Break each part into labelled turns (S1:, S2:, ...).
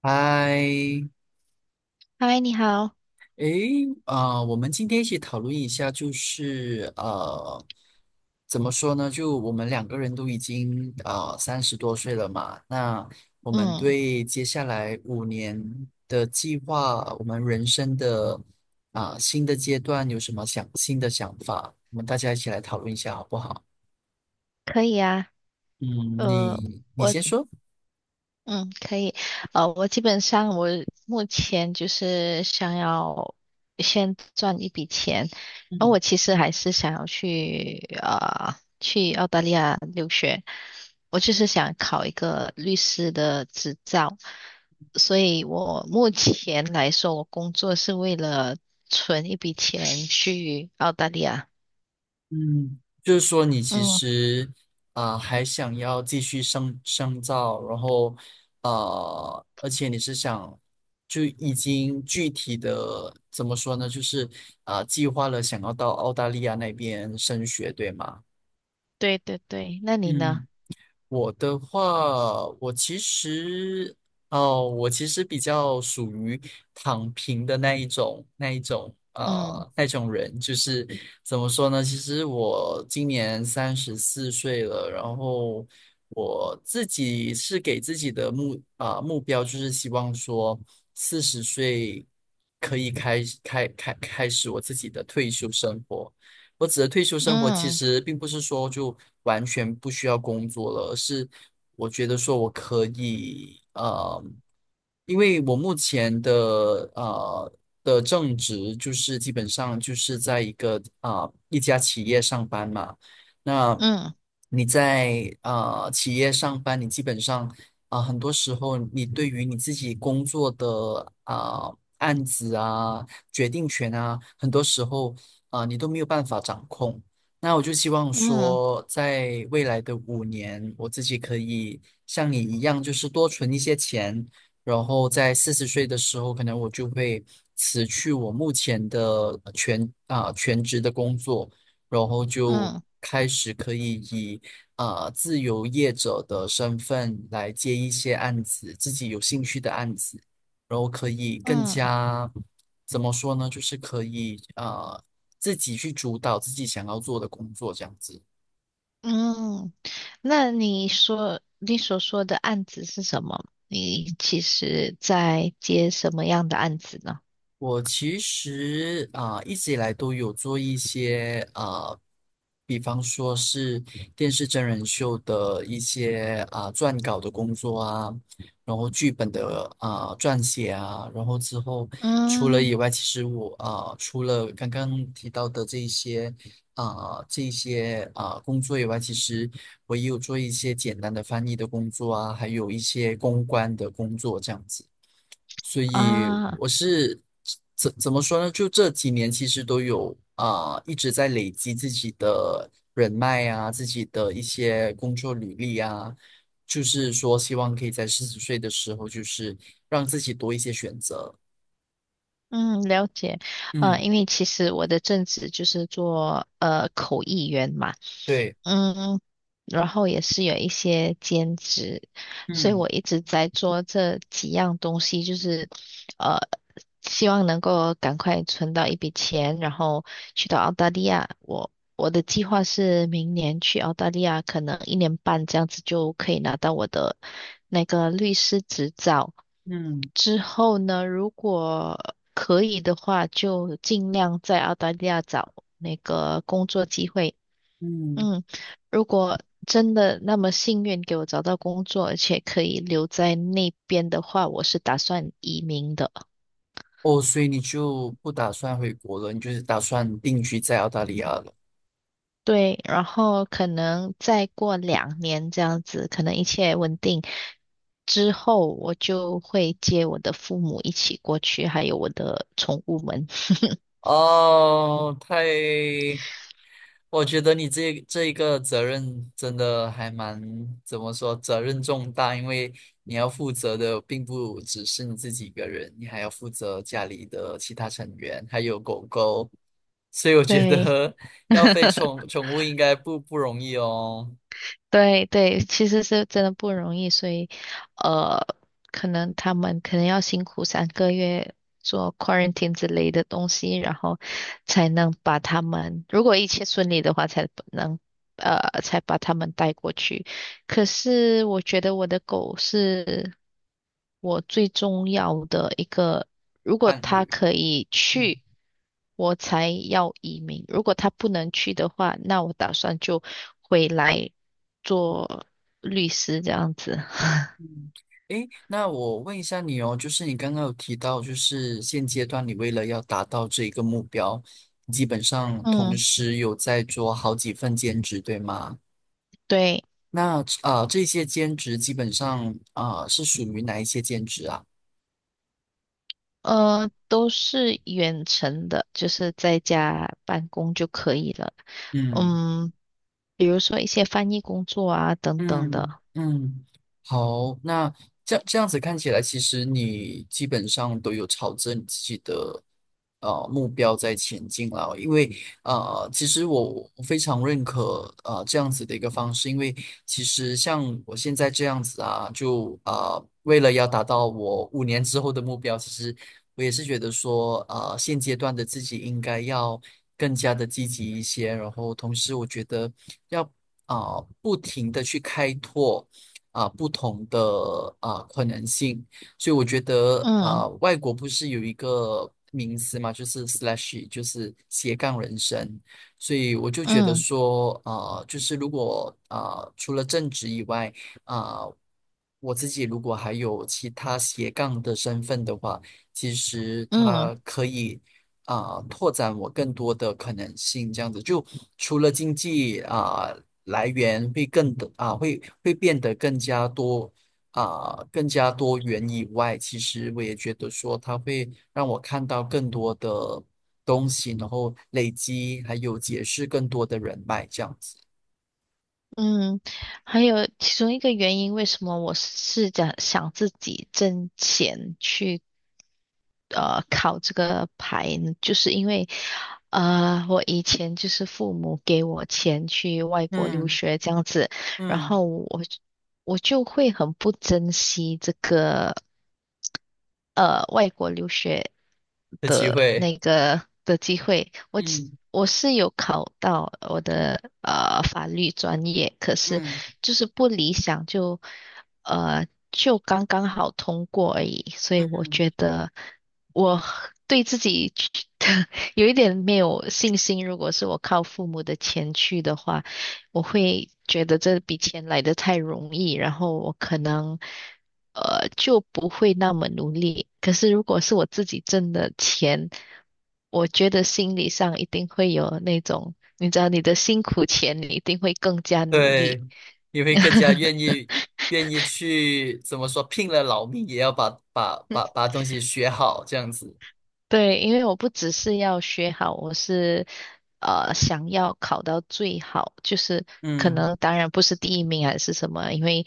S1: 嗨，
S2: 嗨，你好。
S1: 诶，我们今天一起讨论一下，就是怎么说呢？就我们两个人都已经30多岁了嘛，那我们
S2: 嗯，
S1: 对接下来五年的计划，我们人生的新的阶段有什么新的想法？我们大家一起来讨论一下，好不好？
S2: 可以啊。
S1: 嗯，
S2: 呃，
S1: 你
S2: 我，
S1: 先说。
S2: 嗯，可以。我基本上我目前就是想要先赚一笔钱，然后
S1: 嗯。
S2: 我其实还是想要去澳大利亚留学。我就是想考一个律师的执照，所以我目前来说，我工作是为了存一笔钱去澳大利亚。
S1: 嗯，就是说你其
S2: 嗯，
S1: 实还想要继续深造，然后而且你是想就已经具体的怎么说呢？就是计划了想要到澳大利亚那边升学，对吗？
S2: 对对对。那你呢？
S1: 嗯。我的话，我其实哦，我其实比较属于躺平的那一种，
S2: 嗯。
S1: 那种人，就是怎么说呢？其实我今年34岁了，然后我自己是给自己的目标，就是希望说四十岁可以开始我自己的退休生活。我指的退休生活，其
S2: 嗯
S1: 实并不是说就完全不需要工作了，而是我觉得说我可以，因为我目前的呃的正职就是基本上就是在一个一家企业上班嘛，那
S2: 嗯
S1: 你在企业上班，你基本上。啊，很多时候你对于你自己工作的案子啊、决定权啊，很多时候啊，你都没有办法掌控。那我就希望
S2: 嗯
S1: 说，在未来的五年，我自己可以像你一样，就是多存一些钱，然后在四十岁的时候，可能我就会辞去我目前的全职的工作，然后就
S2: 嗯
S1: 开始可以以自由业者的身份来接一些案子，自己有兴趣的案子，然后可以更
S2: 嗯
S1: 加。怎么说呢？就是可以自己去主导自己想要做的工作这样子。
S2: 嗯。那你说你所说的案子是什么？你其实在接什么样的案子呢？
S1: 我其实一直以来都有做一些比方说是电视真人秀的一些撰稿的工作啊，然后剧本的撰写啊，然后之后除了
S2: 嗯
S1: 以外，其实我除了刚刚提到的这一些工作以外，其实我也有做一些简单的翻译的工作啊，还有一些公关的工作这样子。所以
S2: 啊
S1: 我是怎么说呢？就这几年其实都有一直在累积自己的人脉啊，自己的一些工作履历啊，就是说希望可以在四十岁的时候，就是让自己多一些选择。
S2: 嗯，了解。
S1: 嗯
S2: 因为其实我的正职就是做口译员嘛。
S1: 对，
S2: 嗯，然后也是有一些兼职，所以
S1: 嗯
S2: 我一直在做这几样东西，就是呃，希望能够赶快存到一笔钱，然后去到澳大利亚。我的计划是明年去澳大利亚，可能1年半这样子就可以拿到我的那个律师执照。
S1: 嗯
S2: 之后呢，如果可以的话，就尽量在澳大利亚找那个工作机会。
S1: 嗯，
S2: 嗯。如果真的那么幸运给我找到工作，而且可以留在那边的话，我是打算移民的。
S1: 哦，所以你就不打算回国了，你就是打算定居在澳大利亚了。
S2: 对，然后可能再过2年这样子，可能一切稳定之后，我就会接我的父母一起过去，还有我的宠物们。
S1: 哦，太我觉得你这一个责任真的还蛮，怎么说，责任重大，因为你要负责的并不只是你自己一个人，你还要负责家里的其他成员，还有狗狗，所以我觉
S2: 对，
S1: 得 要飞 宠物应该不容易哦，
S2: 对对，其实是真的不容易，所以呃，可能他们可能要辛苦3个月做 quarantine 之类的东西，然后才能把他们，如果一切顺利的话，才把他们带过去。可是我觉得我的狗是我最重要的一个，如果
S1: 伴
S2: 它
S1: 侣。
S2: 可以
S1: 嗯
S2: 去，我才要移民。如果它不能去的话，那我打算就回来，做律师这样子。
S1: 嗯，诶，那我问一下你哦，就是你刚刚有提到，就是现阶段你为了要达到这一个目标，基本上同
S2: 嗯，
S1: 时有在做好几份兼职，对吗？
S2: 对。
S1: 那这些兼职基本上是属于哪一些兼职啊？
S2: 都是远程的，就是在家办公就可以了。
S1: 嗯。
S2: 嗯，比如说一些翻译工作啊等等的。
S1: 嗯嗯，好，那这样子看起来，其实你基本上都有朝着你自己的目标在前进了。因为其实我非常认可这样子的一个方式，因为其实像我现在这样子啊，就为了要达到我五年之后的目标，其实我也是觉得说，现阶段的自己应该要更加的积极一些。然后同时，我觉得要不停的去开拓不同的可能性。所以我觉得
S2: 嗯
S1: 外国不是有一个名词嘛，就是 slash，就是斜杠人生。所以我就觉得
S2: 嗯
S1: 说，啊就是如果啊，除了正职以外，啊、我自己如果还有其他斜杠的身份的话，其实
S2: 嗯。
S1: 他可以拓展我更多的可能性，这样子就除了经济啊、来源会变得更加多更加多元以外，其实我也觉得说它会让我看到更多的东西，然后累积还有结识更多的人脉，这样子
S2: 嗯，还有其中一个原因，为什么我是想自己挣钱去考这个牌呢？就是因为我以前就是父母给我钱去外国留
S1: 嗯
S2: 学这样子，然
S1: 嗯
S2: 后我就会很不珍惜这个。外国留学
S1: 的机
S2: 的
S1: 会。
S2: 那个的机会，我其
S1: 嗯
S2: 我是有考到我的法律专业，可是
S1: 嗯
S2: 就是不理想，就刚刚好通过而已，所以我
S1: 嗯。
S2: 觉得我对自己 有一点没有信心。如果是我靠父母的钱去的话，我会觉得这笔钱来得太容易，然后我可能就不会那么努力。可是如果是我自己挣的钱，我觉得心理上一定会有那种，你知道你的辛苦钱，你一定会更加努力。
S1: 对，你会更加愿 意去怎么说，拼了老命也要把东西学好，这样子。
S2: 对，因为我不只是要学好，我是想要考到最好，就是可
S1: 嗯
S2: 能当然不是第一名还是什么，因为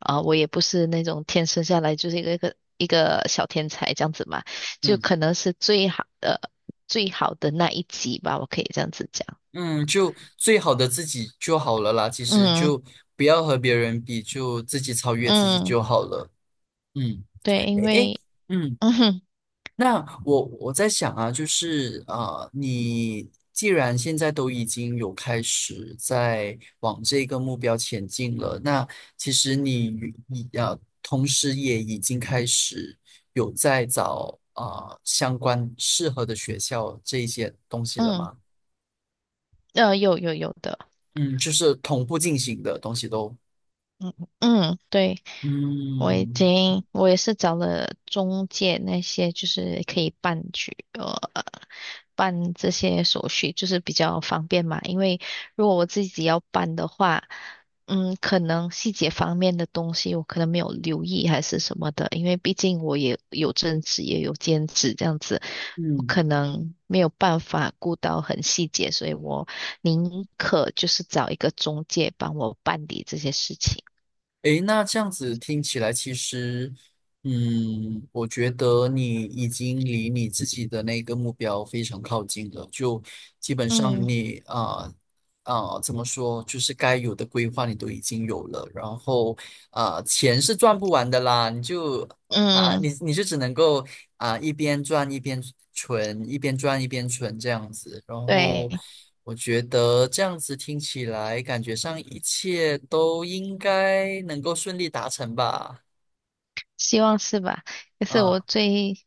S2: 我也不是那种天生下来就是一个小天才这样子嘛，就
S1: 嗯
S2: 可能是最好的那一级吧，我可以这样子讲。
S1: 嗯，就最好的自己就好了啦。其实
S2: 嗯
S1: 就不要和别人比，就自己超越自己
S2: 嗯，
S1: 就好了。嗯，
S2: 对，因
S1: 诶诶，
S2: 为
S1: 嗯。
S2: 嗯哼
S1: 那我在想啊，就是你既然现在都已经有开始在往这个目标前进了，那其实你与你同时也已经开始有在找啊相关适合的学校这一些东西了
S2: 嗯
S1: 吗？
S2: 有有有的，
S1: 嗯，就是同步进行的东西都。
S2: 嗯嗯对。我已
S1: 嗯
S2: 经，我也是找了中介那些，就是可以办这些手续，就是比较方便嘛。因为如果我自己要办的话，嗯，可能细节方面的东西我可能没有留意还是什么的，因为毕竟我也有正职也有兼职这样子，我
S1: 嗯。
S2: 可能没有办法顾到很细节，所以我宁可就是找一个中介帮我办理这些事情。
S1: 诶，那这样子听起来，其实，嗯，我觉得你已经离你自己的那个目标非常靠近了。就基本上
S2: 嗯
S1: 你怎么说，就是该有的规划你都已经有了。然后钱是赚不完的啦，你就啊，
S2: 嗯
S1: 你就只能够啊一边赚一边存，一边赚一边存这样子。然后
S2: 对，
S1: 我觉得这样子听起来，感觉上一切都应该能够顺利达成吧。
S2: 希望是吧？可是
S1: 嗯，
S2: 我最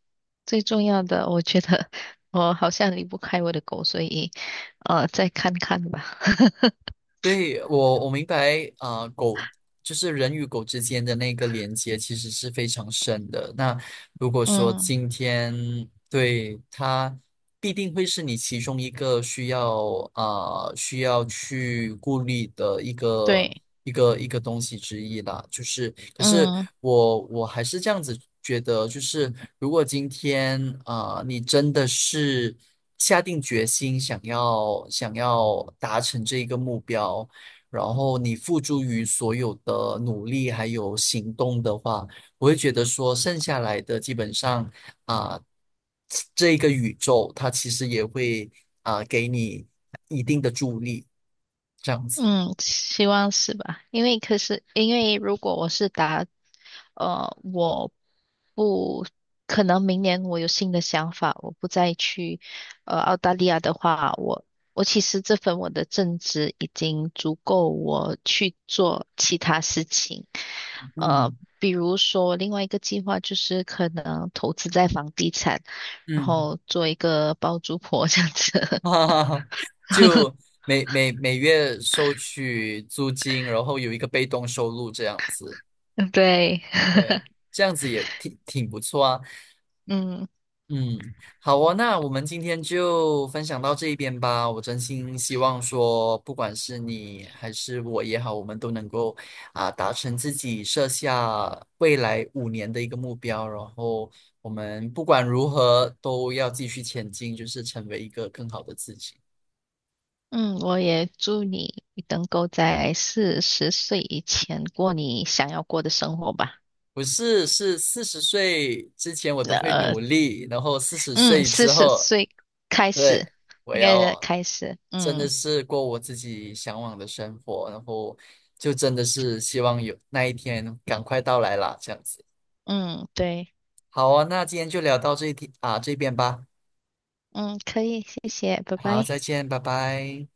S2: 最重要的，我觉得我好像离不开我的狗，所以再看看吧。
S1: 对，我明白啊，狗就是人与狗之间的那个连接其实是非常深的。那如果说
S2: 嗯，
S1: 今天对它必定会是你其中一个需要需要去顾虑的
S2: 对，
S1: 一个东西之一啦。就是，可是
S2: 嗯
S1: 我还是这样子觉得，就是如果今天你真的是下定决心想要达成这一个目标。然后你付诸于所有的努力还有行动的话，我会觉得说剩下来的基本上啊，这个宇宙它其实也会给你一定的助力，这样子。
S2: 嗯，希望是吧？可是因为如果我是打，我不可能明年我有新的想法，我不再去澳大利亚的话，我其实这份我的正职已经足够我去做其他事情。呃，
S1: 嗯
S2: 比如说另外一个计划就是可能投资在房地产，然
S1: 嗯，
S2: 后做一个包租婆这样 子。
S1: 哈哈哈，就每月收取租金，然后有一个被动收入这样子，
S2: 对，
S1: 对，这样子也挺不错啊。
S2: 嗯
S1: 嗯，好哦，那我们今天就分享到这一边吧。我真心希望说，不管是你还是我也好，我们都能够达成自己设下未来五年的一个目标，然后我们不管如何都要继续前进，就是成为一个更好的自己。
S2: 嗯，我也祝你能够在四十岁以前过你想要过的生活吧。
S1: 不是，是四十岁之前我都会
S2: 呃，
S1: 努力，然后四十
S2: 嗯，
S1: 岁
S2: 四
S1: 之
S2: 十
S1: 后。
S2: 岁开始，
S1: 对，我
S2: 应该是
S1: 要
S2: 开始。
S1: 真的
S2: 嗯
S1: 是过我自己向往的生活，然后就真的是希望有那一天赶快到来啦，这样子。
S2: 嗯，对，
S1: 好啊，那今天就聊到这一天啊，这边吧。
S2: 嗯，可以，谢谢，拜
S1: 好，
S2: 拜。
S1: 再见，拜拜。